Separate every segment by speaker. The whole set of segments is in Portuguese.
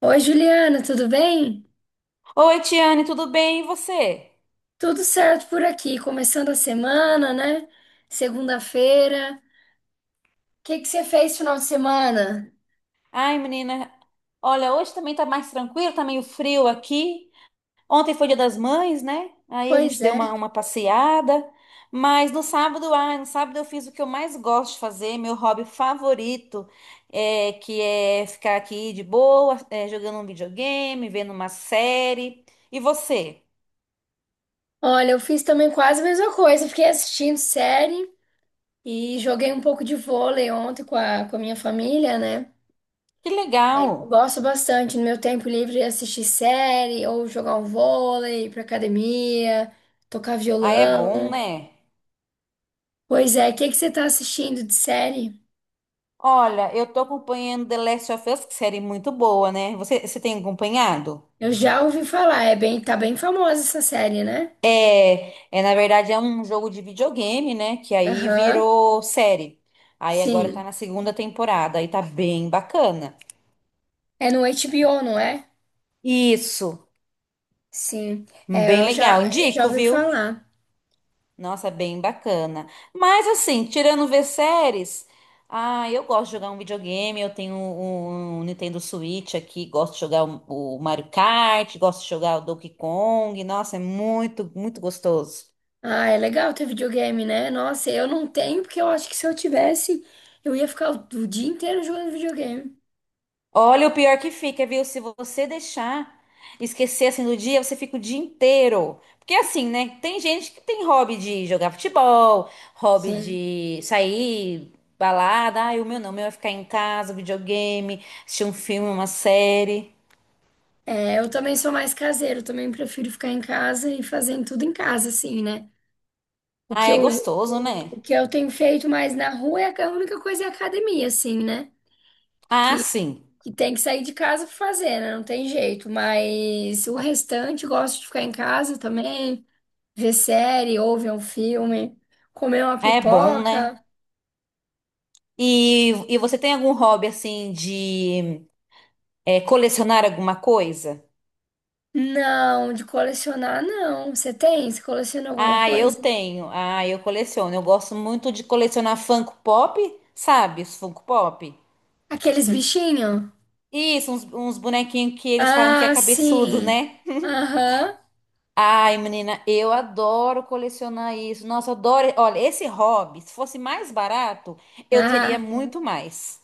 Speaker 1: Oi, Juliana, tudo bem?
Speaker 2: Oi, Tiane, tudo bem? E você?
Speaker 1: Tudo certo por aqui, começando a semana, né? Segunda-feira. O que que você fez final de semana?
Speaker 2: Ai, menina, olha, hoje também tá mais tranquilo, tá meio frio aqui. Ontem foi Dia das Mães, né? Aí a
Speaker 1: Pois
Speaker 2: gente deu
Speaker 1: é.
Speaker 2: uma passeada. Mas no sábado, ai, no sábado eu fiz o que eu mais gosto de fazer, meu hobby favorito, que é ficar aqui de boa, jogando um videogame, vendo uma série. E você?
Speaker 1: Olha, eu fiz também quase a mesma coisa. Fiquei assistindo série e joguei um pouco de vôlei ontem com a minha família, né?
Speaker 2: Que legal!
Speaker 1: Gosto bastante no meu tempo livre de assistir série ou jogar um vôlei, ir pra academia, tocar
Speaker 2: Aí é bom,
Speaker 1: violão.
Speaker 2: né?
Speaker 1: Pois é, o que que você tá assistindo de série?
Speaker 2: Olha, eu tô acompanhando The Last of Us, que série muito boa, né? Você tem acompanhado?
Speaker 1: Eu já ouvi falar, tá bem famosa essa série, né?
Speaker 2: É, é, na verdade é um jogo de videogame, né? Que aí
Speaker 1: Aham,
Speaker 2: virou série. Aí agora tá
Speaker 1: sim.
Speaker 2: na segunda temporada, aí tá bem bacana.
Speaker 1: É no HBO, não é?
Speaker 2: Isso,
Speaker 1: Sim. É,
Speaker 2: bem legal.
Speaker 1: eu já
Speaker 2: Indico,
Speaker 1: ouvi
Speaker 2: viu?
Speaker 1: falar.
Speaker 2: Nossa, é bem bacana. Mas assim, tirando ver séries, ah, eu gosto de jogar um videogame, eu tenho um Nintendo Switch aqui, gosto de jogar o Mario Kart, gosto de jogar o Donkey Kong. Nossa, é muito, muito gostoso.
Speaker 1: Ah, é legal ter videogame, né? Nossa, eu não tenho, porque eu acho que se eu tivesse, eu ia ficar o dia inteiro jogando videogame.
Speaker 2: Olha, o pior que fica, viu? Se você deixar esquecer assim do dia, você fica o dia inteiro. Porque assim, né? Tem gente que tem hobby de jogar futebol, hobby
Speaker 1: Sim.
Speaker 2: de sair, balada. Ai, o meu não, o meu é ficar em casa, videogame, assistir um filme, uma série.
Speaker 1: É, eu também sou mais caseiro, também prefiro ficar em casa e fazendo tudo em casa, assim, né? O
Speaker 2: Ah,
Speaker 1: que
Speaker 2: é
Speaker 1: eu,
Speaker 2: gostoso, né?
Speaker 1: o que eu tenho feito mais na rua é a única coisa é a academia, assim, né?
Speaker 2: Ah,
Speaker 1: Que
Speaker 2: sim.
Speaker 1: que tem que sair de casa pra fazer, né? Não tem jeito. Mas o restante, gosto de ficar em casa também, ver série, ou ver um filme, comer uma
Speaker 2: É bom, né?
Speaker 1: pipoca.
Speaker 2: E você tem algum hobby assim de colecionar alguma coisa?
Speaker 1: Não, de colecionar, não. Você tem? Você coleciona alguma
Speaker 2: Ah, eu
Speaker 1: coisa?
Speaker 2: tenho. Ah, eu coleciono. Eu gosto muito de colecionar Funko Pop, sabe? Os Funko Pop.
Speaker 1: Aqueles bichinhos?
Speaker 2: Isso, uns bonequinhos que eles falam que é
Speaker 1: Ah,
Speaker 2: cabeçudo,
Speaker 1: sim.
Speaker 2: né?
Speaker 1: Aham.
Speaker 2: Ai, menina, eu adoro colecionar isso. Nossa, eu adoro. Olha, esse hobby, se fosse mais barato, eu teria
Speaker 1: Ah,
Speaker 2: muito mais.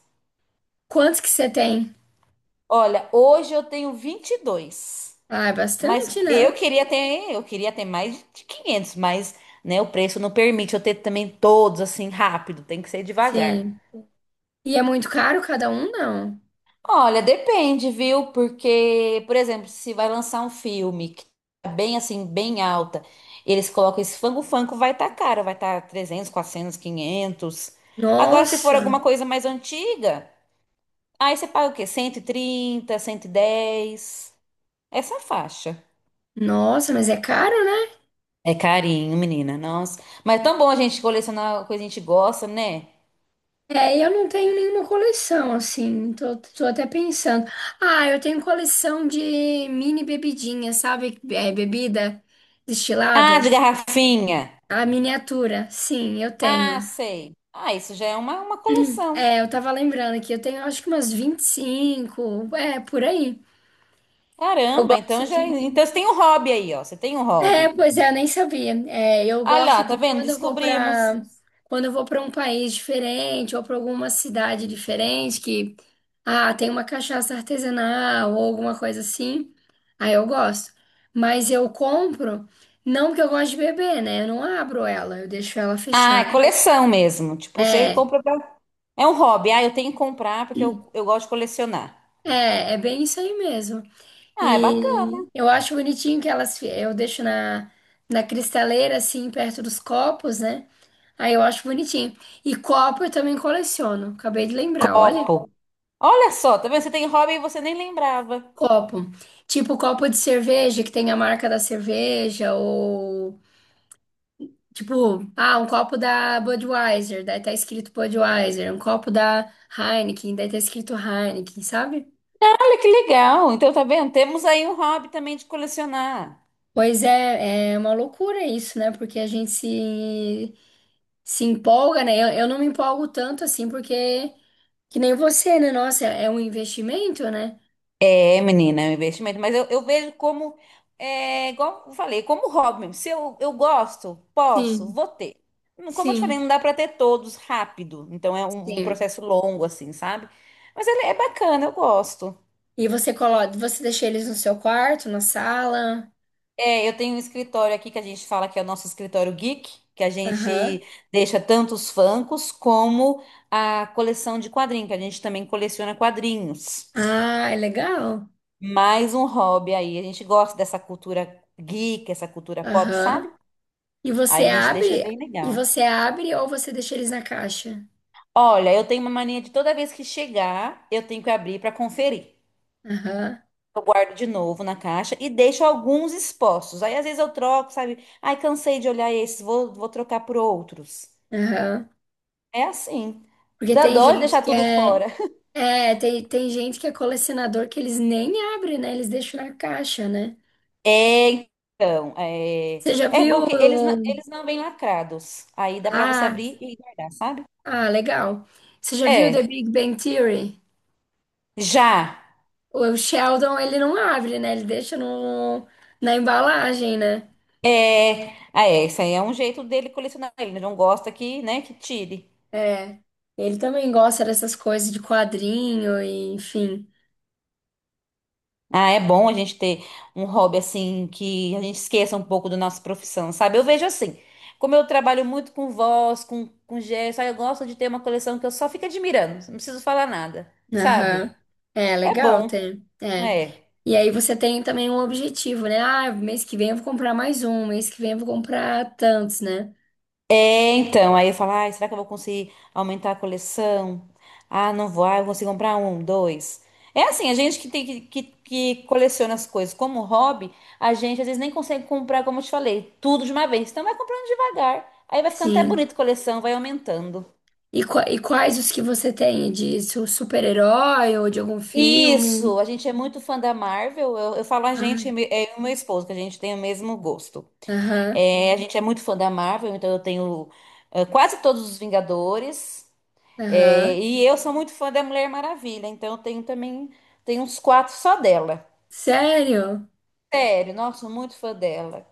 Speaker 1: quantos que você tem?
Speaker 2: Olha, hoje eu tenho 22.
Speaker 1: Ah, é
Speaker 2: Mas
Speaker 1: bastante, né?
Speaker 2: eu queria ter mais de 500. Mas, né, o preço não permite eu ter também todos assim rápido, tem que ser devagar.
Speaker 1: Sim. E é muito caro cada um, não?
Speaker 2: Olha, depende, viu? Porque, por exemplo, se vai lançar um filme que tá bem assim, bem alta, eles colocam esse fango-fango, vai tá caro, vai tá 300, 400, 500. Agora, se for alguma
Speaker 1: Nossa,
Speaker 2: coisa mais antiga, aí você paga o quê? Cento e trinta, cento e dez? Essa faixa.
Speaker 1: nossa, mas é caro, né?
Speaker 2: É carinho, menina, nossa. Mas é tão bom a gente colecionar coisa que a gente gosta, né?
Speaker 1: É, eu não tenho nenhuma coleção, assim, tô até pensando. Ah, eu tenho coleção de mini bebidinha, sabe? É, bebida
Speaker 2: Ah,
Speaker 1: destilada.
Speaker 2: de garrafinha.
Speaker 1: A miniatura, sim, eu
Speaker 2: Ah,
Speaker 1: tenho.
Speaker 2: sei. Ah, isso já é uma coleção.
Speaker 1: É, eu tava lembrando aqui, eu tenho acho que umas 25. É, por aí. Eu
Speaker 2: Caramba,
Speaker 1: gosto
Speaker 2: então já. É,
Speaker 1: de.
Speaker 2: então você tem um hobby aí, ó. Você tem um
Speaker 1: É,
Speaker 2: hobby.
Speaker 1: pois é, eu nem sabia. É, eu
Speaker 2: Ah lá,
Speaker 1: gosto
Speaker 2: tá
Speaker 1: de
Speaker 2: vendo?
Speaker 1: quando eu vou
Speaker 2: Descobrimos.
Speaker 1: para quando eu vou para um país diferente ou para alguma cidade diferente que ah, tem uma cachaça artesanal ou alguma coisa assim. Aí eu gosto. Mas eu compro não porque eu gosto de beber, né? Eu não abro ela, eu deixo ela
Speaker 2: Ah,
Speaker 1: fechada.
Speaker 2: é coleção mesmo. Tipo, você
Speaker 1: É,
Speaker 2: compra pra... É um hobby. Ah, eu tenho que comprar porque eu gosto de colecionar.
Speaker 1: é bem isso aí mesmo.
Speaker 2: Ah, é bacana.
Speaker 1: E eu acho bonitinho que eu deixo na, na cristaleira, assim, perto dos copos, né? Aí eu acho bonitinho. E copo eu também coleciono. Acabei de lembrar, olha.
Speaker 2: Copo. Olha só, tá vendo? Você tem hobby e você nem lembrava.
Speaker 1: Copo. Tipo copo de cerveja, que tem a marca da cerveja, ou tipo, ah, um copo da Budweiser, daí tá escrito Budweiser, um copo da Heineken, daí tá escrito Heineken, sabe?
Speaker 2: Olha que legal. Então, tá vendo? Temos aí um hobby também de colecionar.
Speaker 1: Pois é, é uma loucura isso, né? Porque a gente se empolga, né? Eu não me empolgo tanto assim, porque que nem você, né? Nossa, é um investimento, né?
Speaker 2: É, menina, é um investimento, mas eu vejo como, igual eu falei, como hobby mesmo. Se eu gosto, posso,
Speaker 1: Sim,
Speaker 2: vou ter. Como eu te falei,
Speaker 1: sim.
Speaker 2: não dá pra ter todos rápido, então é um
Speaker 1: Sim.
Speaker 2: processo longo, assim, sabe? Mas ele é bacana, eu gosto.
Speaker 1: E você coloca, você deixa eles no seu quarto, na sala?
Speaker 2: É, eu tenho um escritório aqui que a gente fala que é o nosso escritório geek, que a
Speaker 1: Aham.
Speaker 2: gente deixa tanto os Funkos como a coleção de quadrinhos, que a gente também coleciona quadrinhos.
Speaker 1: Ah, é legal.
Speaker 2: Mais um hobby aí, a gente gosta dessa cultura geek, essa cultura pop,
Speaker 1: Aham.
Speaker 2: sabe?
Speaker 1: E
Speaker 2: Aí
Speaker 1: você
Speaker 2: a gente deixa
Speaker 1: abre,
Speaker 2: bem
Speaker 1: e
Speaker 2: legal.
Speaker 1: você abre ou você deixa eles na caixa?
Speaker 2: Olha, eu tenho uma mania de toda vez que chegar, eu tenho que abrir para conferir.
Speaker 1: Aham.
Speaker 2: Eu guardo de novo na caixa e deixo alguns expostos. Aí às vezes eu troco, sabe? Ai, cansei de olhar esses, vou trocar por outros.
Speaker 1: Aham.
Speaker 2: É assim.
Speaker 1: Porque
Speaker 2: Dá
Speaker 1: tem
Speaker 2: dó de
Speaker 1: gente
Speaker 2: deixar
Speaker 1: que
Speaker 2: tudo
Speaker 1: é,
Speaker 2: fora.
Speaker 1: é, tem gente que é colecionador que eles nem abrem, né? Eles deixam na caixa, né?
Speaker 2: É, então,
Speaker 1: Você já
Speaker 2: é bom
Speaker 1: viu?
Speaker 2: que eles não vêm lacrados. Aí dá para você
Speaker 1: Ah,
Speaker 2: abrir e guardar, sabe?
Speaker 1: Ah, legal. Você já viu The
Speaker 2: É,
Speaker 1: Big Bang Theory?
Speaker 2: já.
Speaker 1: O Sheldon, ele não abre, né? Ele deixa no, na embalagem, né?
Speaker 2: É, ah, isso aí é um jeito dele colecionar. Ele não gosta que, né, que tire.
Speaker 1: É. Ele também gosta dessas coisas de quadrinho e enfim.
Speaker 2: Ah, é bom a gente ter um hobby assim que a gente esqueça um pouco da nossa profissão, sabe? Eu vejo assim, como eu trabalho muito com voz, com gesto, aí eu gosto de ter uma coleção que eu só fico admirando, não preciso falar nada, sabe?
Speaker 1: Aham. É,
Speaker 2: É
Speaker 1: legal
Speaker 2: bom,
Speaker 1: ter. É.
Speaker 2: é.
Speaker 1: E aí você tem também um objetivo, né? Ah, mês que vem eu vou comprar mais um, mês que vem eu vou comprar tantos, né?
Speaker 2: É, então, aí eu falo, ai, será que eu vou conseguir aumentar a coleção? Ah, não vou, ah, eu consigo comprar um, dois. É assim, a gente que tem que coleciona as coisas como hobby, a gente às vezes nem consegue comprar, como eu te falei, tudo de uma vez. Então vai comprando devagar. Aí vai ficando até
Speaker 1: Sim.
Speaker 2: bonito a coleção, vai aumentando.
Speaker 1: E, e quais os que você tem? De super-herói ou de algum filme?
Speaker 2: Isso, a gente é muito fã da Marvel. Eu falo a gente,
Speaker 1: Ah,
Speaker 2: é eu e meu esposo, que a gente tem o mesmo gosto.
Speaker 1: Aham,
Speaker 2: É, a gente é muito fã da Marvel, então eu tenho quase todos os Vingadores. É,
Speaker 1: aham.
Speaker 2: e eu sou muito fã da Mulher Maravilha, então eu tenho também, tenho uns quatro só dela.
Speaker 1: Sério?
Speaker 2: Sério, nossa, sou muito fã dela.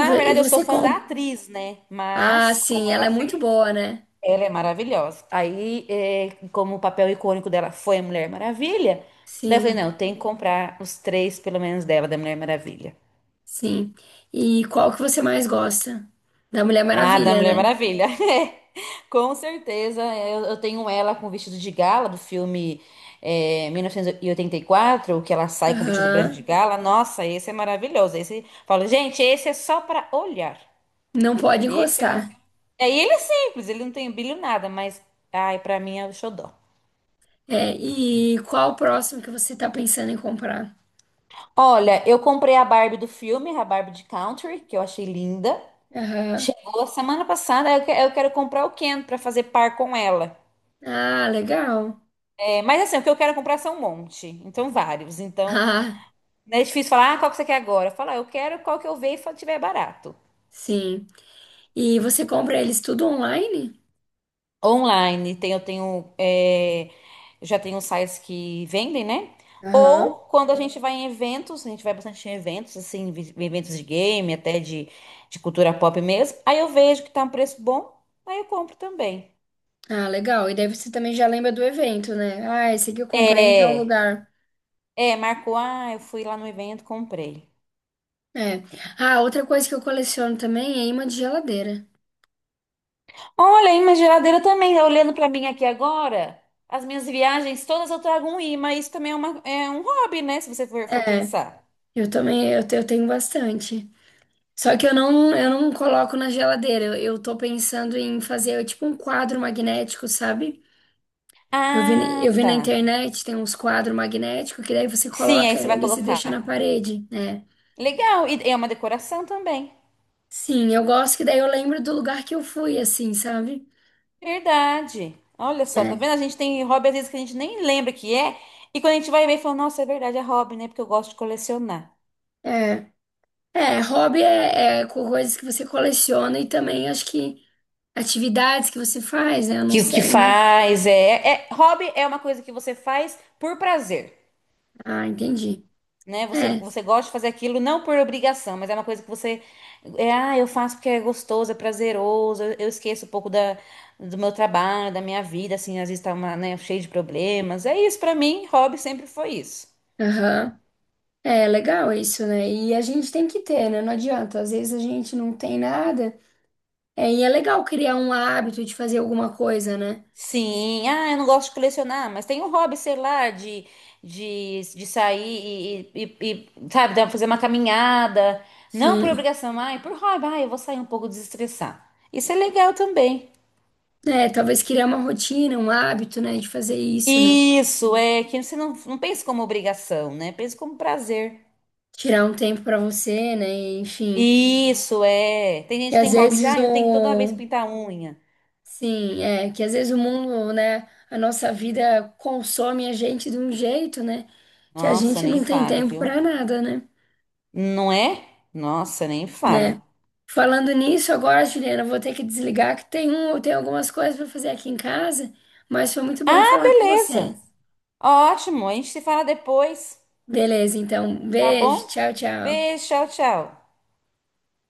Speaker 1: E, e
Speaker 2: verdade, eu sou
Speaker 1: você
Speaker 2: fã da
Speaker 1: compra?
Speaker 2: atriz, né?
Speaker 1: Ah,
Speaker 2: Mas, como
Speaker 1: sim, ela
Speaker 2: ela
Speaker 1: é muito
Speaker 2: fez,
Speaker 1: boa, né?
Speaker 2: ela é maravilhosa. Aí, como o papel icônico dela foi a Mulher Maravilha, daí eu falei,
Speaker 1: Sim,
Speaker 2: não, tem que comprar os três, pelo menos, dela, da Mulher Maravilha.
Speaker 1: sim. E qual que você mais gosta? Da Mulher
Speaker 2: Ah, da
Speaker 1: Maravilha,
Speaker 2: Mulher
Speaker 1: né?
Speaker 2: Maravilha. É, com certeza. Eu tenho ela com o vestido de gala do filme 1984, que ela sai com o vestido branco
Speaker 1: Aham.
Speaker 2: de gala. Nossa, esse é maravilhoso. Esse, falo, gente, esse é só para olhar.
Speaker 1: Não pode
Speaker 2: Esse é
Speaker 1: encostar.
Speaker 2: um. É, e ele é simples, ele não tem brilho nada, mas, ai, pra mim é o xodó.
Speaker 1: É, e qual o próximo que você tá pensando em comprar?
Speaker 2: Olha, eu comprei a Barbie do filme, a Barbie de Country, que eu achei linda.
Speaker 1: Aham.
Speaker 2: Chegou semana passada, eu quero comprar o Ken pra fazer par com ela.
Speaker 1: Ah, legal.
Speaker 2: É, mas assim, o que eu quero é comprar são um monte, então vários. Então,
Speaker 1: Ah,
Speaker 2: não é difícil falar, ah, qual que você quer agora? Falar, eu quero qual que eu ver e tiver barato.
Speaker 1: sim. E você compra eles tudo online?
Speaker 2: Online, tem, eu tenho, eu já tenho sites que vendem, né?
Speaker 1: Aham.
Speaker 2: Ou quando a gente vai em eventos, a gente vai bastante em eventos, assim, eventos de game, até de cultura pop mesmo. Aí eu vejo que tá um preço bom, aí eu compro também.
Speaker 1: Ah, legal. E daí você também já lembra do evento, né? Ah, esse aqui eu comprei em tal
Speaker 2: É,
Speaker 1: lugar.
Speaker 2: é, marcou, ah, eu fui lá no evento, comprei.
Speaker 1: É. Ah, outra coisa que eu coleciono também é imã de geladeira.
Speaker 2: Olha, aí minha geladeira também tá olhando pra mim aqui agora. As minhas viagens todas eu trago um imã. Isso também é, é um hobby, né? Se você for
Speaker 1: É,
Speaker 2: pensar.
Speaker 1: eu também, eu tenho bastante. Só que eu não coloco na geladeira. Eu tô pensando em fazer é tipo um quadro magnético, sabe?
Speaker 2: Ah,
Speaker 1: Eu vi na
Speaker 2: tá.
Speaker 1: internet, tem uns quadros magnéticos que daí você
Speaker 2: Sim, aí
Speaker 1: coloca
Speaker 2: você vai
Speaker 1: eles e deixa na
Speaker 2: colocar.
Speaker 1: parede, né?
Speaker 2: Legal. E é uma decoração também.
Speaker 1: Sim, eu gosto que daí eu lembro do lugar que eu fui, assim, sabe?
Speaker 2: Verdade. Olha só, tá
Speaker 1: É,
Speaker 2: vendo? A gente tem hobby às vezes que a gente nem lembra que é. E quando a gente vai ver, fala, nossa, é verdade, é hobby, né? Porque eu gosto de colecionar.
Speaker 1: é. É, é coisas que você coleciona e também acho que atividades que você faz, né? Eu não
Speaker 2: Que o que
Speaker 1: sei, né?
Speaker 2: faz é, é. Hobby é uma coisa que você faz por prazer.
Speaker 1: Ah, entendi.
Speaker 2: Né? Você,
Speaker 1: É,
Speaker 2: você gosta de fazer aquilo não por obrigação, mas é uma coisa que você, ah, eu faço porque é gostoso, é prazeroso, eu esqueço um pouco do meu trabalho, da minha vida, assim, às vezes tá uma, né, cheio de problemas. É isso, pra mim, hobby sempre foi isso.
Speaker 1: aham. É legal isso, né? E a gente tem que ter, né? Não adianta. Às vezes a gente não tem nada. É, e é legal criar um hábito de fazer alguma coisa, né?
Speaker 2: Sim, ah, eu não gosto de colecionar, mas tem um hobby, sei lá, de, de sair e, sabe, fazer uma caminhada, não por
Speaker 1: Sim.
Speaker 2: obrigação, ai, por hobby, ah, eu vou sair um pouco desestressar. Isso é legal também.
Speaker 1: É, talvez criar uma rotina, um hábito, né? De fazer isso, né?
Speaker 2: Isso é que você não, não pensa como obrigação, né? Pensa como prazer.
Speaker 1: Tirar um tempo pra você, né? Enfim.
Speaker 2: Isso é. Tem gente
Speaker 1: E
Speaker 2: que
Speaker 1: às
Speaker 2: tem hobby de,
Speaker 1: vezes
Speaker 2: ah, eu tenho que toda vez
Speaker 1: o
Speaker 2: pintar a unha.
Speaker 1: sim, é que às vezes o mundo, né, a nossa vida consome a gente de um jeito, né, que a
Speaker 2: Nossa,
Speaker 1: gente
Speaker 2: nem
Speaker 1: não tem
Speaker 2: fale,
Speaker 1: tempo para
Speaker 2: viu?
Speaker 1: nada, né?
Speaker 2: Não é? Nossa, nem fale.
Speaker 1: Né? Falando nisso, agora, Juliana, eu vou ter que desligar que tem um, tem algumas coisas para fazer aqui em casa, mas foi muito bom
Speaker 2: Ah,
Speaker 1: falar com você.
Speaker 2: beleza. Ótimo. A gente se fala depois,
Speaker 1: Beleza, então,
Speaker 2: tá
Speaker 1: beijo,
Speaker 2: bom?
Speaker 1: tchau, tchau.
Speaker 2: Beijo, tchau, tchau.